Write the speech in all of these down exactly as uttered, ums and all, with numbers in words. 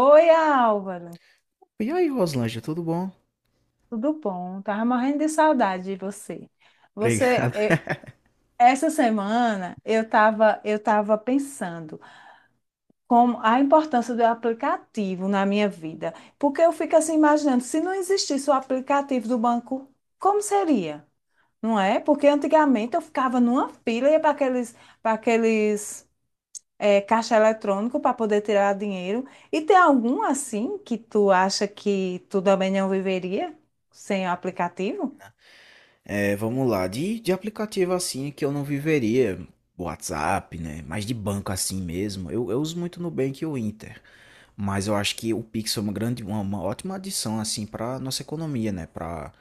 Oi, Álvaro, E aí, Roslândia, tudo bom? tudo bom? Tava morrendo de saudade de você. Você, Obrigado. eh, essa semana eu estava eu tava pensando como a importância do aplicativo na minha vida, porque eu fico assim imaginando, se não existisse o aplicativo do banco, como seria? Não é? Porque antigamente eu ficava numa fila e ia para aqueles, para aqueles é, caixa eletrônico para poder tirar dinheiro. E tem algum assim que tu acha que tu também não viveria sem o aplicativo? É, vamos lá. De, de aplicativo assim que eu não viveria, WhatsApp, né? Mas de banco assim mesmo. Eu, eu uso muito Nubank e o Inter. Mas eu acho que o Pix é uma grande, uma, uma ótima adição assim para nossa economia, né? Para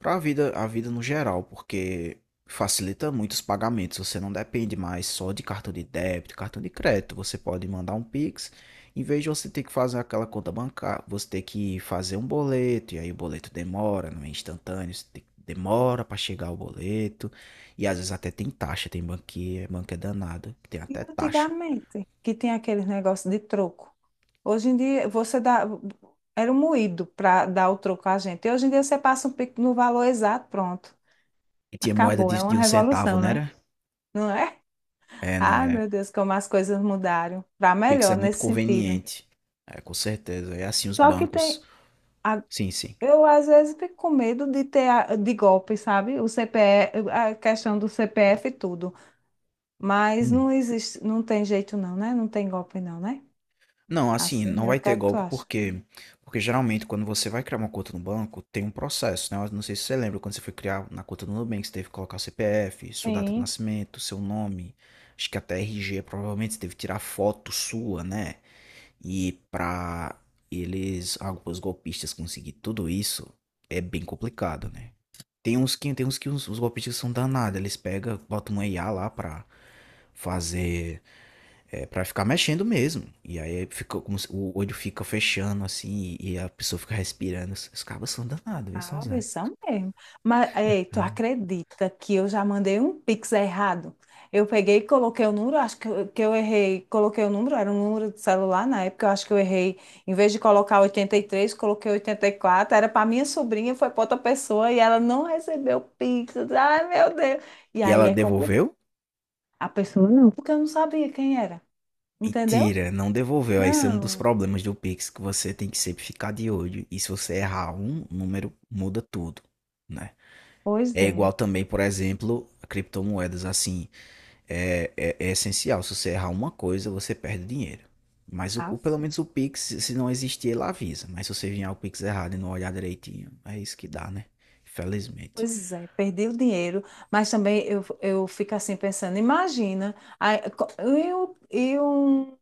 para a vida, a vida no geral, porque facilita muito os pagamentos. Você não depende mais só de cartão de débito, cartão de crédito. Você pode mandar um Pix. Em vez de você ter que fazer aquela conta bancária, você ter que fazer um boleto, e aí o boleto demora, não é instantâneo, você tem- que demora para chegar o boleto, e às vezes até tem taxa, tem banquinha, banco é danado, que tem E até taxa. antigamente, que tem aqueles negócios de troco. Hoje em dia, você dá. Era um moído para dar o troco a gente. E hoje em dia, você passa um pico no valor exato, pronto. E tinha moeda Acabou. É de, uma de um centavo, revolução, né? né? Era? Não é? É, não, Ai, é. meu Deus, como as coisas mudaram. Para Pix é melhor muito nesse sentido. conveniente. É, com certeza. É assim os Só que bancos. tem. Sim, sim. Eu às vezes fico com medo de ter a- de golpe, sabe? O C CPF, a questão do C P F e tudo. Mas Hum. não existe, não tem jeito não, né? Não tem golpe não, né? Não, assim, Assim, não é o vai que ter é que tu golpe acha? porque porque geralmente quando você vai criar uma conta no banco, tem um processo, né? Eu não sei se você lembra, quando você foi criar na conta do Nubank, você teve que colocar o C P F, sua data de Sim. nascimento, seu nome, acho que até R G, provavelmente você teve que tirar foto sua, né? E pra eles, alguns golpistas conseguir tudo isso, é bem complicado, né? Tem uns que tem uns que os, os golpistas são danados, eles pegam, botam um I A lá pra fazer é pra ficar mexendo mesmo. E aí fica como se- o olho fica fechando assim e a pessoa fica respirando. Os os cabos são danados, viu, Sabe, sozinho. são mesmo. Mas, ei, tu acredita que eu já mandei um Pix errado? Eu peguei e coloquei o número, acho que eu, que eu errei, coloquei o número, era um número de celular na época, eu acho que eu errei. Em vez de colocar oitenta e três, coloquei oitenta e quatro. Era para minha sobrinha, foi para outra pessoa e ela não recebeu o Pix. Ai, meu Deus. E E aí ela é complicado. devolveu? A pessoa não, porque eu não sabia quem era, entendeu? Mentira, não devolveu. Esse é um dos Não, problemas do Pix, que você tem que sempre ficar de olho. E se você errar um número, muda tudo, né? pois É é. igual também, por exemplo, a criptomoedas assim. é, é, é essencial. Se você errar uma coisa, você perde dinheiro. Mas o, o- pelo menos o Pix, se não existir, ele avisa. Mas se você vier o Pix errado e não olhar direitinho, é isso que dá, né? Infelizmente. Pois é, perdi o dinheiro, mas também eu, eu fico assim pensando, imagina, aí, co- e um e um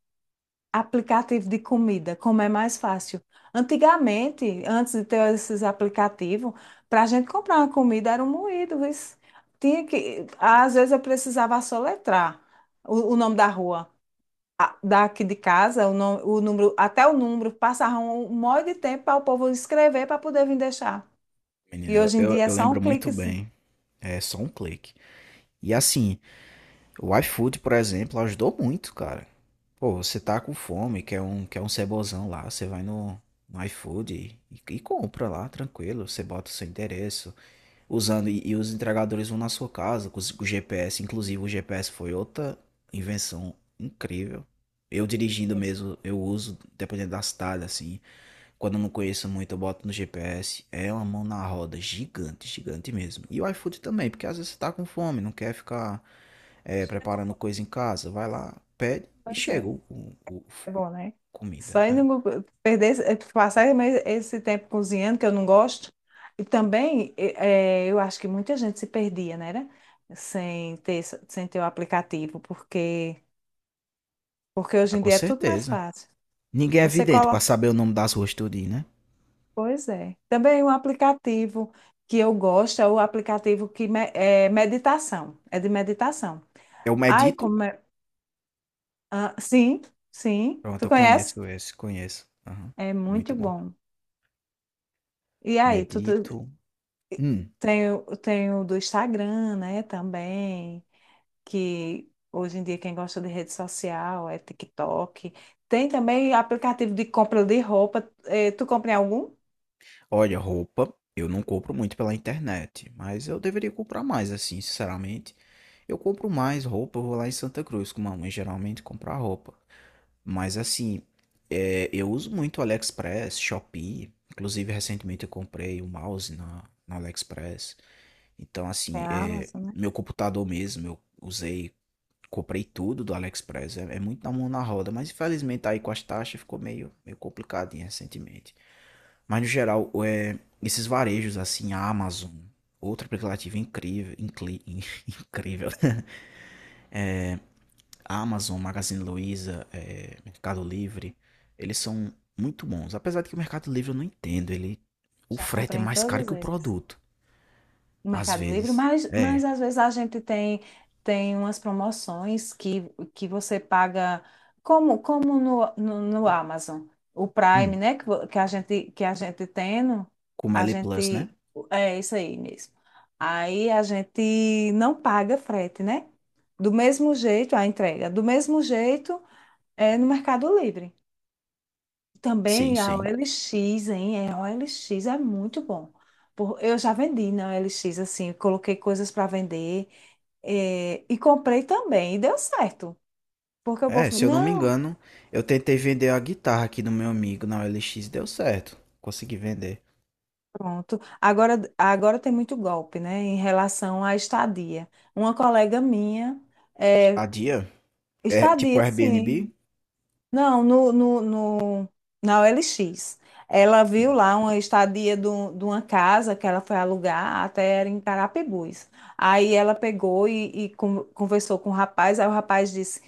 aplicativo de comida, como é mais fácil. Antigamente, antes de ter esses aplicativos, para a gente comprar uma comida era um moído, isso. Tinha que, às vezes eu precisava soletrar o, o nome da rua, a- daqui de casa, o, nome, o número, até o número, passava um monte de tempo para o povo escrever para poder vir deixar. Menino, E eu, hoje em eu- dia é eu só lembro um muito clique, assim. bem. É só um clique. E assim, o iFood, por exemplo, ajudou muito, cara. Pô, você tá com fome, quer um, quer um cebozão lá, você vai no, no iFood e, e compra lá, tranquilo. Você bota o seu endereço, usando e, e os entregadores vão na sua casa com, os- com o G P S. Inclusive, o G P S foi outra invenção incrível. Eu dirigindo mesmo, eu uso, dependendo da cidade, assim. Quando eu não conheço muito, eu boto no G P S. É uma mão na roda, gigante, gigante mesmo. E o iFood também, porque às vezes você tá com fome, não quer ficar é, Imagina preparando como- coisa em casa. Vai lá, pede e Pois chega é, o, o- o- é bom, né? comida. Só É. indo no- perder, esse- eh, passar mais esse tempo cozinhando, que eu não gosto. E também, eh, eh, eu acho que muita gente se perdia, né? né? Sem ter, esse- sem ter o aplicativo, porque, porque hoje Ah, em com dia é tudo mais certeza. fácil. Ninguém é Você vidente pra coloca. saber o nome das ruas tudinho, né? Pois é. Também um aplicativo que eu gosto é o aplicativo que me- é meditação. É de meditação. Eu Ai, medito. como é. Ah, sim, sim. Pronto, Tu eu conhece? conheço esse, conheço. Aham. É Muito muito bom. bom. E aí, tu, tu Medito. Hum, tem, o- tem o do Instagram, né, também, que hoje em dia quem gosta de rede social é TikTok. Tem também aplicativo de compra de roupa. Eh, tu compra em algum? olha, roupa, eu não compro muito pela internet, mas eu deveria comprar mais, assim, sinceramente. Eu compro mais roupa, eu vou lá em Santa Cruz com mamãe, geralmente comprar roupa. Mas assim, é, eu uso muito AliExpress, Shopee. Inclusive, recentemente eu comprei um mouse na, na AliExpress. Então, Tem assim, a é, Amazon, né? meu computador mesmo, eu usei. Comprei tudo do AliExpress, é, é muito na mão na roda, mas infelizmente aí com as taxas ficou meio, meio complicadinho recentemente. Mas no geral, é, esses varejos assim, a Amazon, outro aplicativo incrível, incli- incrível, né? A Amazon, Magazine Luiza, é, Mercado Livre, eles são muito bons. Apesar de que o Mercado Livre eu não entendo, ele, o Já frete é comprei em mais caro todos que o eles. produto, No às Mercado Livre, vezes. mas, É, mas às vezes a gente tem, tem umas promoções que, que você paga, como, como no, no, no Amazon, o Prime, hum, né? Que, vo- que a gente, que a gente tendo, como a L Plus, né? gente. É isso aí mesmo. Aí a gente não paga frete, né? Do mesmo jeito, a entrega, do mesmo jeito é no Mercado Livre. Sim, Também a sim. O L X, hein? É, a O L X é muito bom. Por- Eu já vendi na O L X, assim, coloquei coisas para vender, eh, e comprei também, e deu certo. Porque o povo, É, se falou, eu não me não, engano, eu tentei vender a guitarra aqui do meu amigo na O L X, deu certo. Consegui vender. pronto. Agora, agora tem muito golpe, né, em relação à estadia. Uma colega minha, eh, A dia? É tipo estadia, Airbnb? sim. Não, no, no, no, na O L X. Ela viu Hum. lá uma estadia do- de uma casa que ela foi alugar, até era em Carapebus. Aí ela pegou e, e con- conversou com o rapaz, aí o rapaz disse,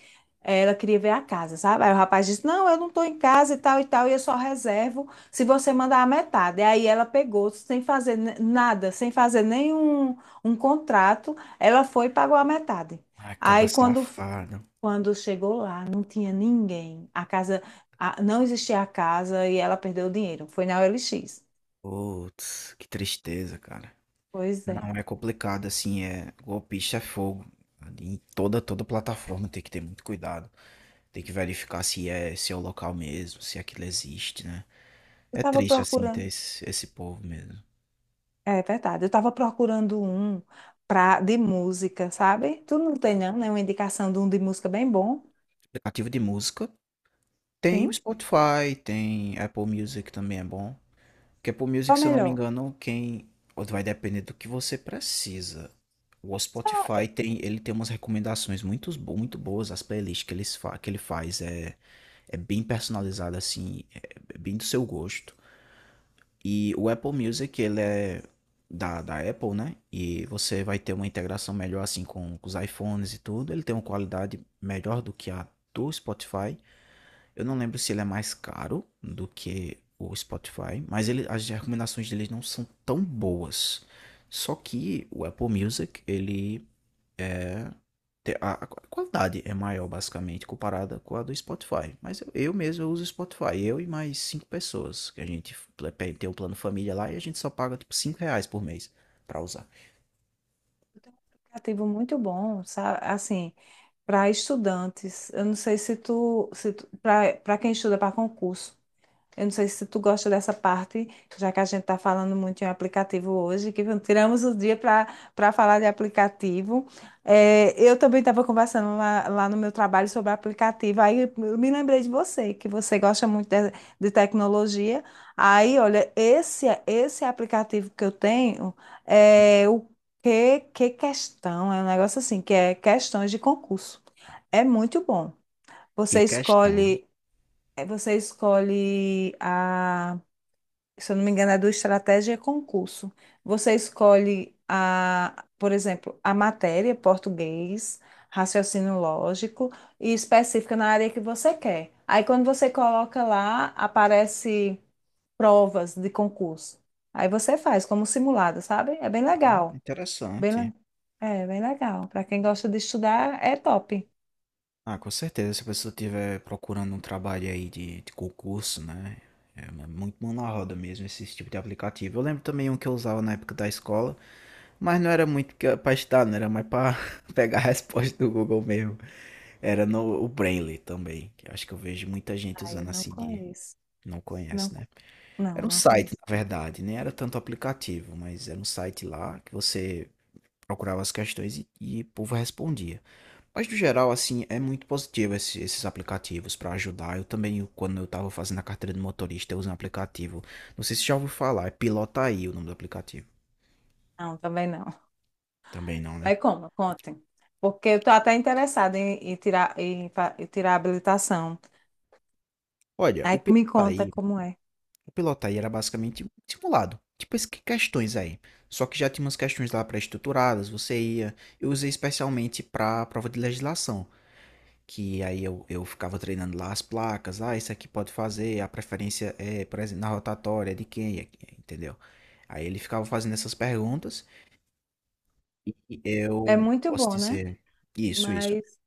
eh, ela queria ver a casa, sabe? Aí o rapaz disse, não, eu não estou em casa e tal e tal, e eu só reservo se você mandar a metade. Aí ela pegou, sem fazer n- nada, sem fazer nenhum um contrato, ela foi e pagou a metade. Ai, caba Aí quando safado. quando chegou lá, não tinha ninguém. A casa, a- não existia a casa e ela perdeu o dinheiro. Foi na O L X. Putz, que tristeza, cara. Pois é. Não é complicado, assim, é golpista é fogo. Em toda, toda plataforma tem que ter muito cuidado. Tem que verificar se é, se é o local mesmo, se aquilo existe, né? Eu É estava triste, assim, ter procurando. esse, esse povo mesmo. É verdade. Eu estava procurando um pra, de música, sabe? Tu não tem, não, né? Uma indicação de um de música bem bom. Aplicativo de música tem o Sim. Sim. Spotify, tem Apple Music também é bom. Porque Apple Music, Qual é se eu não me melhor? engano, quem ou vai depender do que você precisa. O Só Spotify tem, ele tem umas recomendações muito, bo- muito boas, as playlists que, eles fa que ele faz. É, é bem personalizado assim, é é bem do seu gosto. E o Apple Music, ele é da, da Apple, né? E você vai ter uma integração melhor assim com, com os iPhones e tudo. Ele tem uma qualidade melhor do que a do Spotify. Eu não lembro se ele é mais caro do que o Spotify, mas ele, as recomendações dele não são tão boas. Só que o Apple Music, ele te- A, a qualidade é maior, basicamente, comparada com a do Spotify. Mas eu, eu mesmo eu uso o Spotify, eu e mais cinco pessoas, que a gente pl- pe- tem o plano família lá e a gente só paga, tipo, cinco reais por mês para usar. eu tenho um aplicativo muito bom, sabe? Assim, para estudantes. Eu não sei se tu, se tu para quem estuda para concurso. Eu não sei se tu gosta dessa parte, já que a gente está falando muito em aplicativo hoje, que tiramos o dia para para falar de aplicativo. É, eu também estava conversando lá, lá no meu trabalho sobre aplicativo, aí eu me lembrei de você, que você gosta muito de, de tecnologia. Aí, olha, esse, esse aplicativo que eu tenho é o que, que questão, é um negócio assim, que é questões de concurso. É muito bom. Que Você questão. escolhe é, Você escolhe a, se eu não me engano, é do Estratégia e Concurso. Você escolhe a, por exemplo, a matéria, português, raciocínio lógico e específica na área que você quer. Aí quando você coloca lá, aparece provas de concurso. Aí você faz como simulado, sabe? É bem Ah, legal. Bem, interessante. le- é bem legal. Para quem gosta de estudar, é top. Ah, com certeza, se a pessoa estiver procurando um trabalho aí de, de concurso, né? É mu- muito mão na roda mesmo esse tipo de aplicativo. Eu lembro também um que eu usava na época da escola, mas não era muito que- pra estudar, não era mais pra pegar a resposta do Google mesmo. Era no o Brainly também, que eu acho que eu vejo muita gente Ah, eu usando não assim que conheço. não conhece, Não, né? não, Era um não site, conheço. na verdade, nem era tanto aplicativo, mas era um site lá que você procurava as questões e, e o povo respondia. Mas no geral, assim, é muito positivo esse- esses aplicativos para ajudar. Eu também, eu- quando eu tava fazendo a carteira de motorista, eu usei um aplicativo. Não sei se já ouviu falar, é Pilotaí o nome do aplicativo. Não, também não. Também não, né? Aí como? Contem. Porque eu tô até interessada em, em tirar, em, fa- em tirar a habilitação. Olha, o Aí me conta Pilotaí. como é. O piloto aí era basicamente um simulado. Tipo essas questões aí. Só que já tinha umas questões lá pré-estruturadas, você ia. Eu usei especialmente para a prova de legislação. Que aí eu, eu ficava treinando lá as placas. Ah, isso aqui pode fazer. A preferência é, por exemplo, na rotatória de quem, é entendeu? Aí ele ficava fazendo essas perguntas. E É eu muito posso bom, né? dizer. Isso, isso. Mas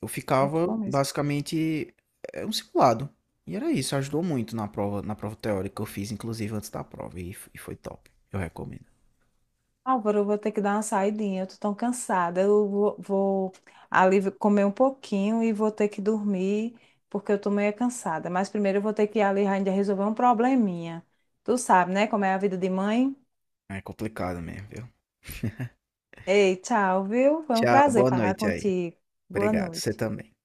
Eu muito ficava bom mesmo. basicamente é um simulado. E era isso, ajudou muito na prova, na prova teórica que eu fiz, inclusive antes da prova, e, f- e foi top. Eu recomendo. Álvaro, eu vou ter que dar uma saidinha. Eu tô tão cansada. Eu vou, vou ali comer um pouquinho e vou ter que dormir, porque eu tô meio cansada. Mas primeiro eu vou ter que ir ali ainda resolver um probleminha. Tu sabe, né? Como é a vida de mãe. É complicado mesmo, viu? Ei, tchau, viu? Foi um Tchau, prazer boa falar noite aí. contigo. Boa Obrigado, você noite. também.